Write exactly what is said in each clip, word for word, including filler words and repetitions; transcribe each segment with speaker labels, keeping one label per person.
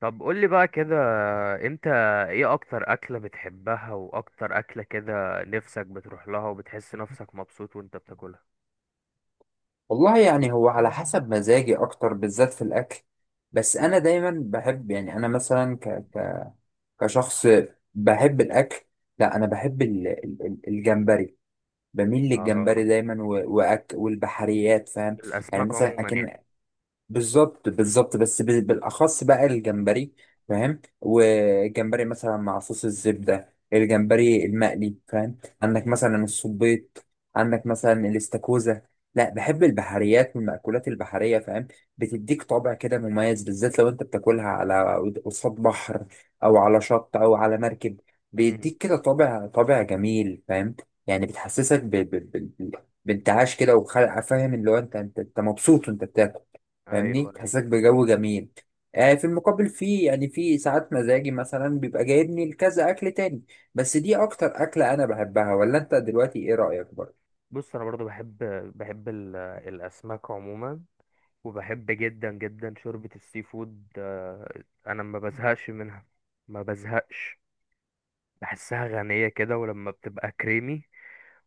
Speaker 1: طب قولي بقى كده. انت ايه اكتر اكلة بتحبها، واكتر اكلة كده نفسك بتروح لها وبتحس نفسك مبسوط وانت بتاكلها؟
Speaker 2: والله يعني هو على حسب مزاجي اكتر بالذات في الاكل. بس انا دايما بحب، يعني انا مثلا ك ك كشخص بحب الاكل. لا، انا بحب ال- ال- ال- الجمبري. بميل للجمبري
Speaker 1: اه،
Speaker 2: دايما، و- وأك والبحريات، فاهم؟ يعني
Speaker 1: الاسماك
Speaker 2: مثلا،
Speaker 1: عموما يعني.
Speaker 2: بالظبط بالظبط، بس ب- بالاخص بقى الجمبري، فاهم. والجمبري مثلا مع صوص الزبده، الجمبري المقلي، فاهم؟ عندك
Speaker 1: مم.
Speaker 2: مثلا الصبيط، عندك مثلا الاستاكوزا. لا، بحب البحريات والمأكولات البحريه، فاهم. بتديك طابع كده مميز، بالذات لو انت بتاكلها على قصاد بحر، او على شط، او على مركب،
Speaker 1: مم.
Speaker 2: بيديك كده طابع طابع جميل، فاهم. يعني بتحسسك ب... ب... ب... بانتعاش كده وخلق، فاهم، اللي هو انت انت أنت مبسوط وانت بتاكل، فاهمني،
Speaker 1: ايوه، ايوه.
Speaker 2: تحسسك بجو جميل. آه في المقابل، في يعني في ساعات مزاجي مثلا بيبقى جايبني لكذا أكل تاني، بس دي أكتر أكلة أنا بحبها، ولا أنت دلوقتي إيه رأيك برضه؟
Speaker 1: بص، انا برضو بحب بحب ال- الاسماك عموما، وبحب جدا جدا شوربة السي فود، آه، انا ما بزهقش منها. ما بزهقش. بحسها غنية كده، ولما بتبقى كريمي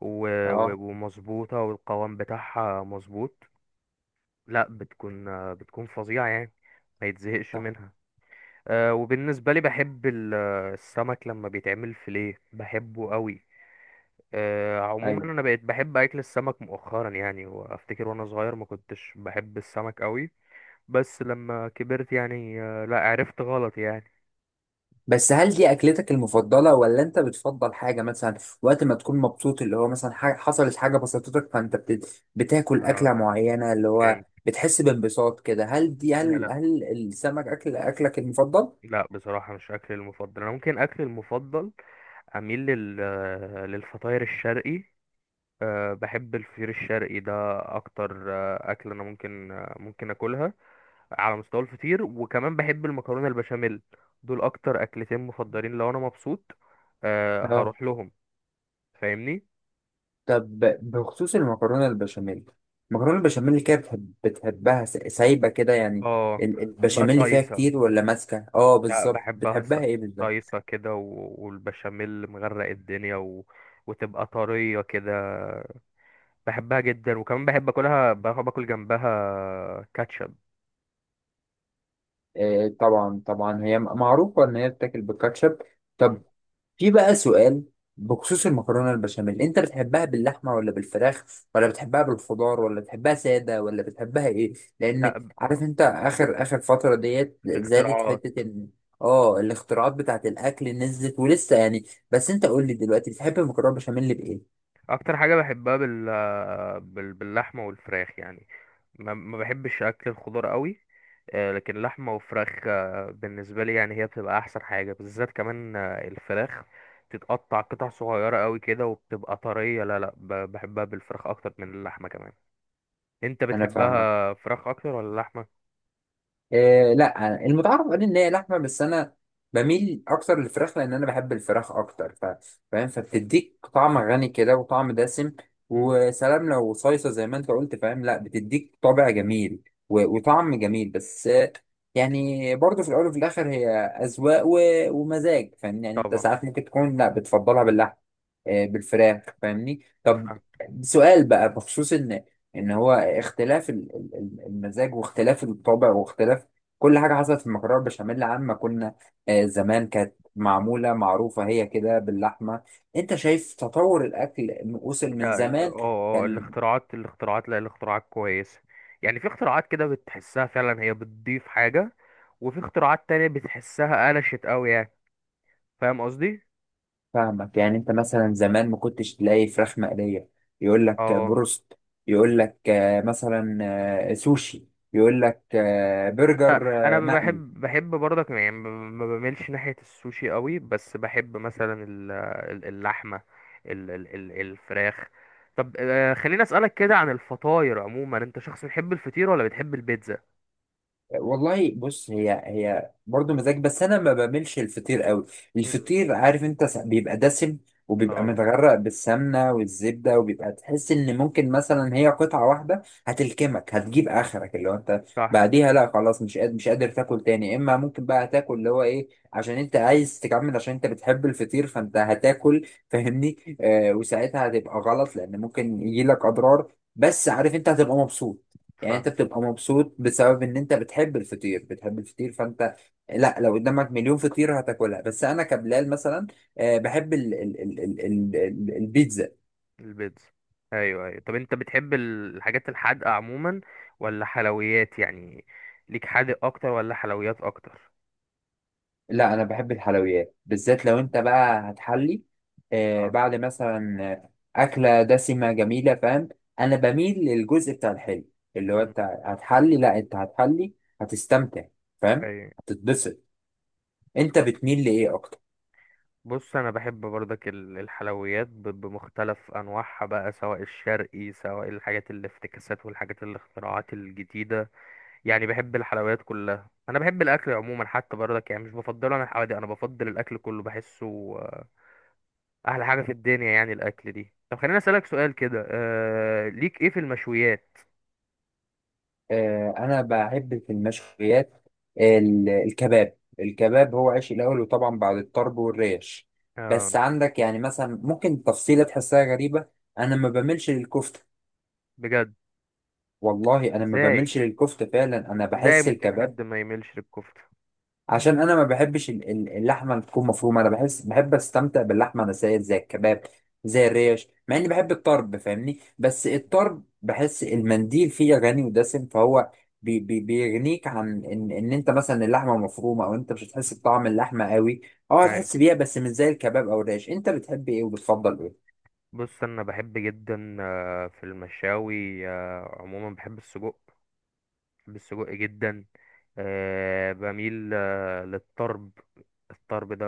Speaker 1: و- و-
Speaker 2: اه،
Speaker 1: ومظبوطة والقوام بتاعها مظبوط. لا، بتكون آه، بتكون فظيعة يعني. ما يتزهقش
Speaker 2: صح،
Speaker 1: منها. آه، وبالنسبة لي بحب ال- آه، السمك لما بيتعمل فيليه بحبه قوي. آه، عموما
Speaker 2: أيوة.
Speaker 1: انا بقيت بحب اكل السمك مؤخرا يعني، وافتكر وانا صغير ما كنتش بحب السمك قوي. بس لما كبرت يعني، آه، لا، عرفت غلط يعني.
Speaker 2: بس هل دي أكلتك المفضلة، ولا أنت بتفضل حاجة مثلا وقت ما تكون مبسوط، اللي هو مثلا حاجة حصلت، حاجة بسطتك، فأنت بت... بتاكل أكلة
Speaker 1: آه،
Speaker 2: معينة، اللي هو
Speaker 1: فهمت.
Speaker 2: بتحس بانبساط كده، هل دي
Speaker 1: لا،
Speaker 2: هل
Speaker 1: لا.
Speaker 2: هل السمك أكل أكلك المفضل؟
Speaker 1: لا، بصراحة مش أكلي المفضل. أنا ممكن أكلي المفضل أميل لل... آه، للفطاير الشرقي. أه بحب الفطير الشرقي ده، اكتر أه اكل انا ممكن أه ممكن اكلها على مستوى الفطير، وكمان بحب المكرونه البشاميل. دول اكتر اكلتين مفضلين لو انا مبسوط، أه
Speaker 2: اه،
Speaker 1: هروح لهم، فاهمني؟
Speaker 2: طب بخصوص المكرونة البشاميل، المكرونة البشاميل كده بتحب بتحبها س- سايبة كده يعني،
Speaker 1: اه.
Speaker 2: ال-
Speaker 1: بحبها
Speaker 2: البشاميل اللي فيها
Speaker 1: صيصه.
Speaker 2: كتير ولا ماسكة؟ اه،
Speaker 1: لا،
Speaker 2: بالظبط،
Speaker 1: بحبها ص-
Speaker 2: بتحبها ايه بالظبط؟
Speaker 1: صيصه كده، و- والبشاميل مغرق الدنيا و... وتبقى طريه كده. بحبها جدا، وكمان بحب اكلها بحب اكل جنبها كاتشب.
Speaker 2: آه، طبعا طبعا، هي م- معروفة ان هي بتاكل بالكاتشب. طب، في بقى سؤال بخصوص المكرونة البشاميل، انت بتحبها باللحمة ولا بالفراخ، ولا بتحبها بالخضار، ولا بتحبها سادة، ولا بتحبها ايه، لان
Speaker 1: لا،
Speaker 2: عارف انت اخر اخر فترة ديت
Speaker 1: في
Speaker 2: زادت
Speaker 1: اختراعات.
Speaker 2: حتة ان. اه، الاختراعات بتاعت الاكل نزلت ولسه يعني، بس انت قول لي دلوقتي، بتحب المكرونة البشاميل بايه؟
Speaker 1: اكتر حاجه بحبها بال... بال... باللحمه والفراخ يعني. ما, ما بحبش اكل الخضار قوي. آه، لكن لحمه وفراخ، آه، بالنسبه لي يعني هي بتبقى احسن حاجه، بالذات كمان آه، الفراخ تتقطع قطع صغيره قوي كده وبتبقى طريه. لا، لا، ب- بحبها بالفراخ اكتر من اللحمه كمان. انت
Speaker 2: انا فاهمك،
Speaker 1: بتحبها فراخ اكتر ولا لحمه؟
Speaker 2: إيه، لا المتعارف عليه ان هي لحمه، بس انا بميل اكتر للفراخ، لان انا بحب الفراخ اكتر، ف... فاهم، فبتديك طعم غني كده وطعم دسم،
Speaker 1: مم،
Speaker 2: وسلام لو صيصه زي ما انت قلت، فاهم، لا بتديك طابع جميل و... وطعم جميل، بس آه، يعني برضه في الاول وفي الاخر هي اذواق و... ومزاج، فاهمني، يعني انت
Speaker 1: طبعا.
Speaker 2: ساعات ممكن تكون، لا بتفضلها باللحم، آه، بالفراخ، فاهمني. طب، سؤال بقى بخصوص ان، ان هو اختلاف ال- ال- ال- المزاج، واختلاف الطبع، واختلاف كل حاجة حصلت في المكرونة البشاميل، عما كنا آه، زمان كانت معمولة معروفة هي كده باللحمة، انت شايف تطور الأكل إنه وصل من
Speaker 1: لا، ال-
Speaker 2: زمان؟
Speaker 1: اه اه
Speaker 2: كان
Speaker 1: الاختراعات الاختراعات لا، الاختراعات كويسة. يعني في اختراعات كده بتحسها فعلا هي بتضيف حاجة، وفي اختراعات تانية بتحسها قلشت قوي يعني، فاهم قصدي؟
Speaker 2: فاهمك، يعني انت مثلا زمان ما كنتش تلاقي فراخ مقلية، يقول لك
Speaker 1: اه.
Speaker 2: بروست، يقول لك آه، مثلا آه، سوشي، يقول لك آه،
Speaker 1: انت-
Speaker 2: برجر
Speaker 1: انا
Speaker 2: آه، مقلي.
Speaker 1: بحب بحب برضك يعني ما ما بميلش ناحية السوشي قوي، بس بحب مثلا ال- ال- اللحمة، ال- ال- ال- الفراخ. طب، آه، خليني اسألك كده عن الفطاير عموما. انت شخص بتحب الفطير ولا بتحب البيتزا؟
Speaker 2: والله بص، هي هي برضه مزاج، بس انا ما بعملش الفطير قوي،
Speaker 1: مم.
Speaker 2: الفطير عارف انت س- بيبقى دسم، وبيبقى
Speaker 1: اه.
Speaker 2: متغرق بالسمنه والزبده، وبيبقى تحس ان ممكن مثلا هي قطعه واحده هتلكمك هتجيب اخرك، اللي هو انت
Speaker 1: صح،
Speaker 2: بعديها لا، خلاص مش قادر مش قادر تاكل تاني، اما ممكن بقى تاكل اللي هو ايه، عشان انت عايز تكمل، عشان انت بتحب الفطير، فانت هتاكل، فاهمني، آه وساعتها هتبقى غلط، لان ممكن يجيلك اضرار، بس عارف انت هتبقى مبسوط، يعني
Speaker 1: صح.
Speaker 2: انت بتبقى مبسوط بسبب ان انت بتحب الفطير، بتحب الفطير فانت، لا لو قدامك مليون فطيرة هتاكلها، بس انا كبلال مثلا، آه، بحب ال ال ال ال ال ال البيتزا.
Speaker 1: البيتزا. ايوه، ايوه. طب، انت بتحب ال- الحاجات الحادقه عموما ولا حلويات يعني؟ ليك حادق اكتر ولا حلويات اكتر؟
Speaker 2: لا، انا بحب الحلويات بالذات لو انت بقى هتحلي، آه،
Speaker 1: اه.
Speaker 2: بعد مثلا آه، اكلة دسمة جميلة، فاهم، انا بميل للجزء بتاع الحلو، اللي هو
Speaker 1: مم.
Speaker 2: انت هتحلي، لا انت هتحلي، هتستمتع، فاهم،
Speaker 1: ايوه.
Speaker 2: هتتبسط، انت
Speaker 1: طب،
Speaker 2: بتميل لايه اكتر؟
Speaker 1: بص، انا بحب برضك ال- الحلويات ب- بمختلف انواعها بقى، سواء الشرقي سواء الحاجات الافتكاسات والحاجات الاختراعات الجديده. يعني بحب الحلويات كلها، انا بحب الاكل عموما حتى برضك يعني، مش بفضله انا الحوادق، انا بفضل الاكل كله، بحسه احلى حاجه في الدنيا يعني الاكل دي. طب، خليني اسالك سؤال كده. آه ليك ايه في المشويات؟
Speaker 2: آه، انا بحب في المشويات ال- الكباب، الكباب هو عيش الاول، وطبعا بعد الطرب والريش،
Speaker 1: آه
Speaker 2: بس عندك يعني مثلا ممكن تفصيله تحسها غريبه، انا ما بملش للكفته.
Speaker 1: بجد؟
Speaker 2: والله انا ما
Speaker 1: ازاي؟
Speaker 2: بملش للكفته فعلا، انا
Speaker 1: ازاي
Speaker 2: بحس
Speaker 1: ممكن
Speaker 2: الكباب،
Speaker 1: حد ما يميلش للكفته؟
Speaker 2: عشان انا ما بحبش ال- ال- اللحمه اللي تكون مفرومه، انا بحس، بحب استمتع باللحمه نسائيه زي الكباب، زي الريش، مع اني بحب الطرب، فاهمني، بس الطرب بحس المنديل فيه غني ودسم، فهو بي بي بيغنيك عن ان ان انت مثلا اللحمه مفرومه، او انت مش هتحس بطعم اللحمه قوي، اه،
Speaker 1: هاي.
Speaker 2: هتحس بيها بس مش زي الكباب او الريش، انت بتحب ايه وبتفضل ايه؟
Speaker 1: بص، انا بحب جدا آه، في المشاوي، آه، عموما بحب السجق. بحب السجق جدا. آه، بميل آه، للطرب. الطرب ده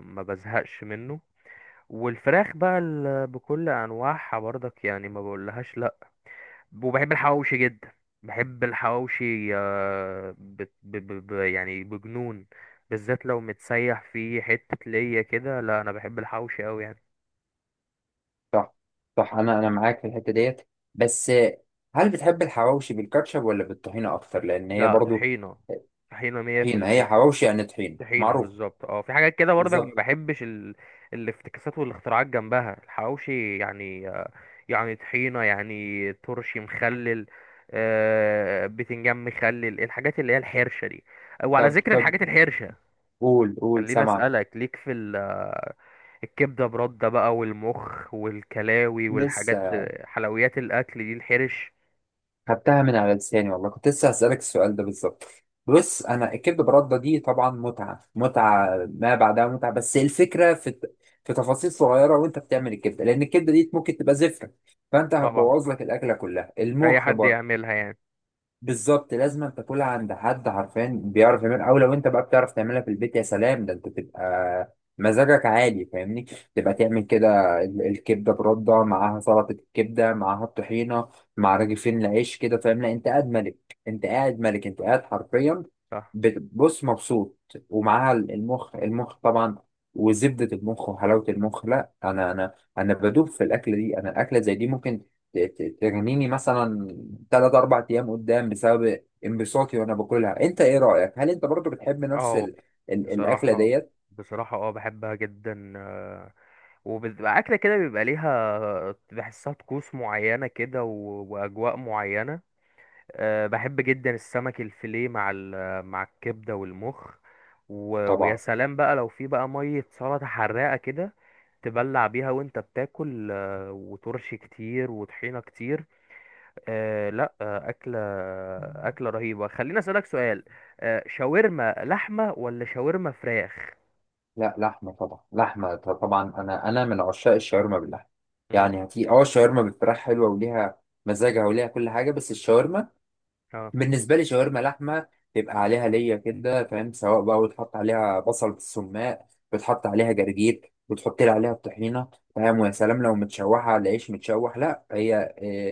Speaker 1: ما بزهقش منه. والفراخ بقى ال- بكل انواعها برضك يعني ما بقولهاش لا. وبحب الحواوشي جدا. بحب الحواوشي آه، بت- ب... ب... ب... يعني بجنون. بالذات لو متسيح فيه حتة ليا كده، لا، أنا بحب الحواوشي أوي يعني.
Speaker 2: صح، صح، انا انا معاك في الحته ديت، بس هل بتحب الحواوشي بالكاتشب ولا بالطحينه اكتر، لان هي
Speaker 1: لا،
Speaker 2: برضو
Speaker 1: طحينة. طحينة مية في
Speaker 2: طحينه،
Speaker 1: المية.
Speaker 2: هي حواوشي يعني طحينه
Speaker 1: طحينة
Speaker 2: معروف.
Speaker 1: بالظبط. اه، في حاجات كده برضك ما
Speaker 2: بالظبط.
Speaker 1: بحبش ال... الافتكاسات والاختراعات جنبها الحواوشي يعني آه، يعني طحينة يعني ترشي مخلل، آه، بتنجان مخلل، الحاجات اللي هي الحرشة دي. وعلى
Speaker 2: طب
Speaker 1: ذكر
Speaker 2: طب،
Speaker 1: الحاجات الحرشة،
Speaker 2: قول قول،
Speaker 1: خليني
Speaker 2: سامعك.
Speaker 1: اسالك ليك في ال- الكبده برده بقى والمخ والكلاوي والحاجات،
Speaker 2: لسه!
Speaker 1: حلويات الاكل دي الحرش؟
Speaker 2: خدتها من على لساني، والله كنت لسه هسألك السؤال ده بالظبط. بص، انا الكبد برده دي طبعا متعه متعه ما بعدها متعه، بس الفكره في الت- في تفاصيل صغيره وانت بتعمل الكبده، لان الكبده دي ممكن تبقى زفره، فانت
Speaker 1: طبعا.
Speaker 2: هتبوظ لك الاكله كلها،
Speaker 1: اي
Speaker 2: المخ
Speaker 1: حد
Speaker 2: برضه.
Speaker 1: يعملها يعني.
Speaker 2: بالظبط، لازم تاكلها عند حد عارفان بيعرف يعمل، او لو انت بقى بتعرف تعملها في البيت يا سلام، ده انت تبقى مزاجك عالي، فاهمني،
Speaker 1: مم.
Speaker 2: تبقى تعمل كده. ال- الكبده برده معاها سلطه، الكبده معاها الطحينه، مع رغيفين العيش كده، فاهم، لا انت قاعد ملك، انت قاعد ملك، انت قاعد حرفيا
Speaker 1: صح.
Speaker 2: بتبص مبسوط، ومعاها ال- المخ، المخ طبعا، وزبده المخ وحلاوه المخ، لا انا انا انا بدوب في الاكله دي، انا الاكله زي دي ممكن ت- ت- ترميني مثلا ثلاث اربع ايام قدام، بسبب انبساطي وانا باكلها، انت ايه رايك، هل انت برضو بتحب نفس
Speaker 1: اه.
Speaker 2: ال... ال... الاكله
Speaker 1: بصراحه
Speaker 2: ديت؟
Speaker 1: بصراحه اه بحبها جدا، آه، وبتبقى اكله كده بيبقى ليها، بحسها طقوس معينه كده و- واجواء معينه. آه، بحب جدا السمك الفيليه مع ال- مع الكبده والمخ، و... ويا
Speaker 2: طبعا،
Speaker 1: سلام بقى لو في بقى ميه سلطه حراقه كده تبلع بيها وانت بتاكل، آه، وترش كتير وطحينة كتير. آه لا، آه أكلة أكلة رهيبة. خليني أسألك سؤال. آه شاورما لحمة ولا شاورما فراخ؟
Speaker 2: لا، لحمه طبعا، لحمه ط- طبعا، انا انا من عشاق الشاورما باللحمه،
Speaker 1: مم.
Speaker 2: يعني هتي اه الشاورما بالفراخ حلوه، وليها مزاجها، وليها كل حاجه، بس الشاورما
Speaker 1: اه.
Speaker 2: بالنسبة لي شاورما لحمة، تبقى عليها ليا كده فاهم، سواء بقى بتحط عليها بصل بالسماق، بتحط عليها جرجير، بتحط لي عليها الطحينة، فاهم، ويا سلام لو متشوحة على عيش متشوح، لا هي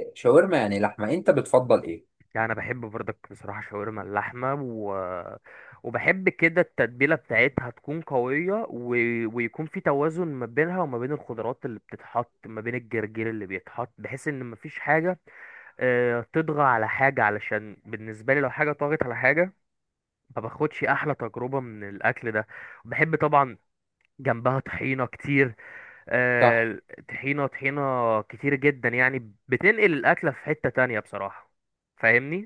Speaker 2: آه، شاورما يعني لحمة، انت بتفضل ايه؟
Speaker 1: يعني انا بحب برضك بصراحه شاورما اللحمه، و... وبحب كده التتبيله بتاعتها تكون قويه، و... ويكون في توازن ما بينها وما بين الخضروات اللي بتتحط ما بين الجرجير اللي بيتحط، بحيث ان مفيش حاجه آه، تطغى على حاجه، علشان بالنسبه لي لو حاجه طغت على حاجه ما باخدش احلى تجربه من الاكل ده. بحب طبعا جنبها طحينه كتير،
Speaker 2: صح.
Speaker 1: آه طحينه، طحينه كتير جدا، يعني بتنقل الاكله في حته تانية بصراحه، فاهمني؟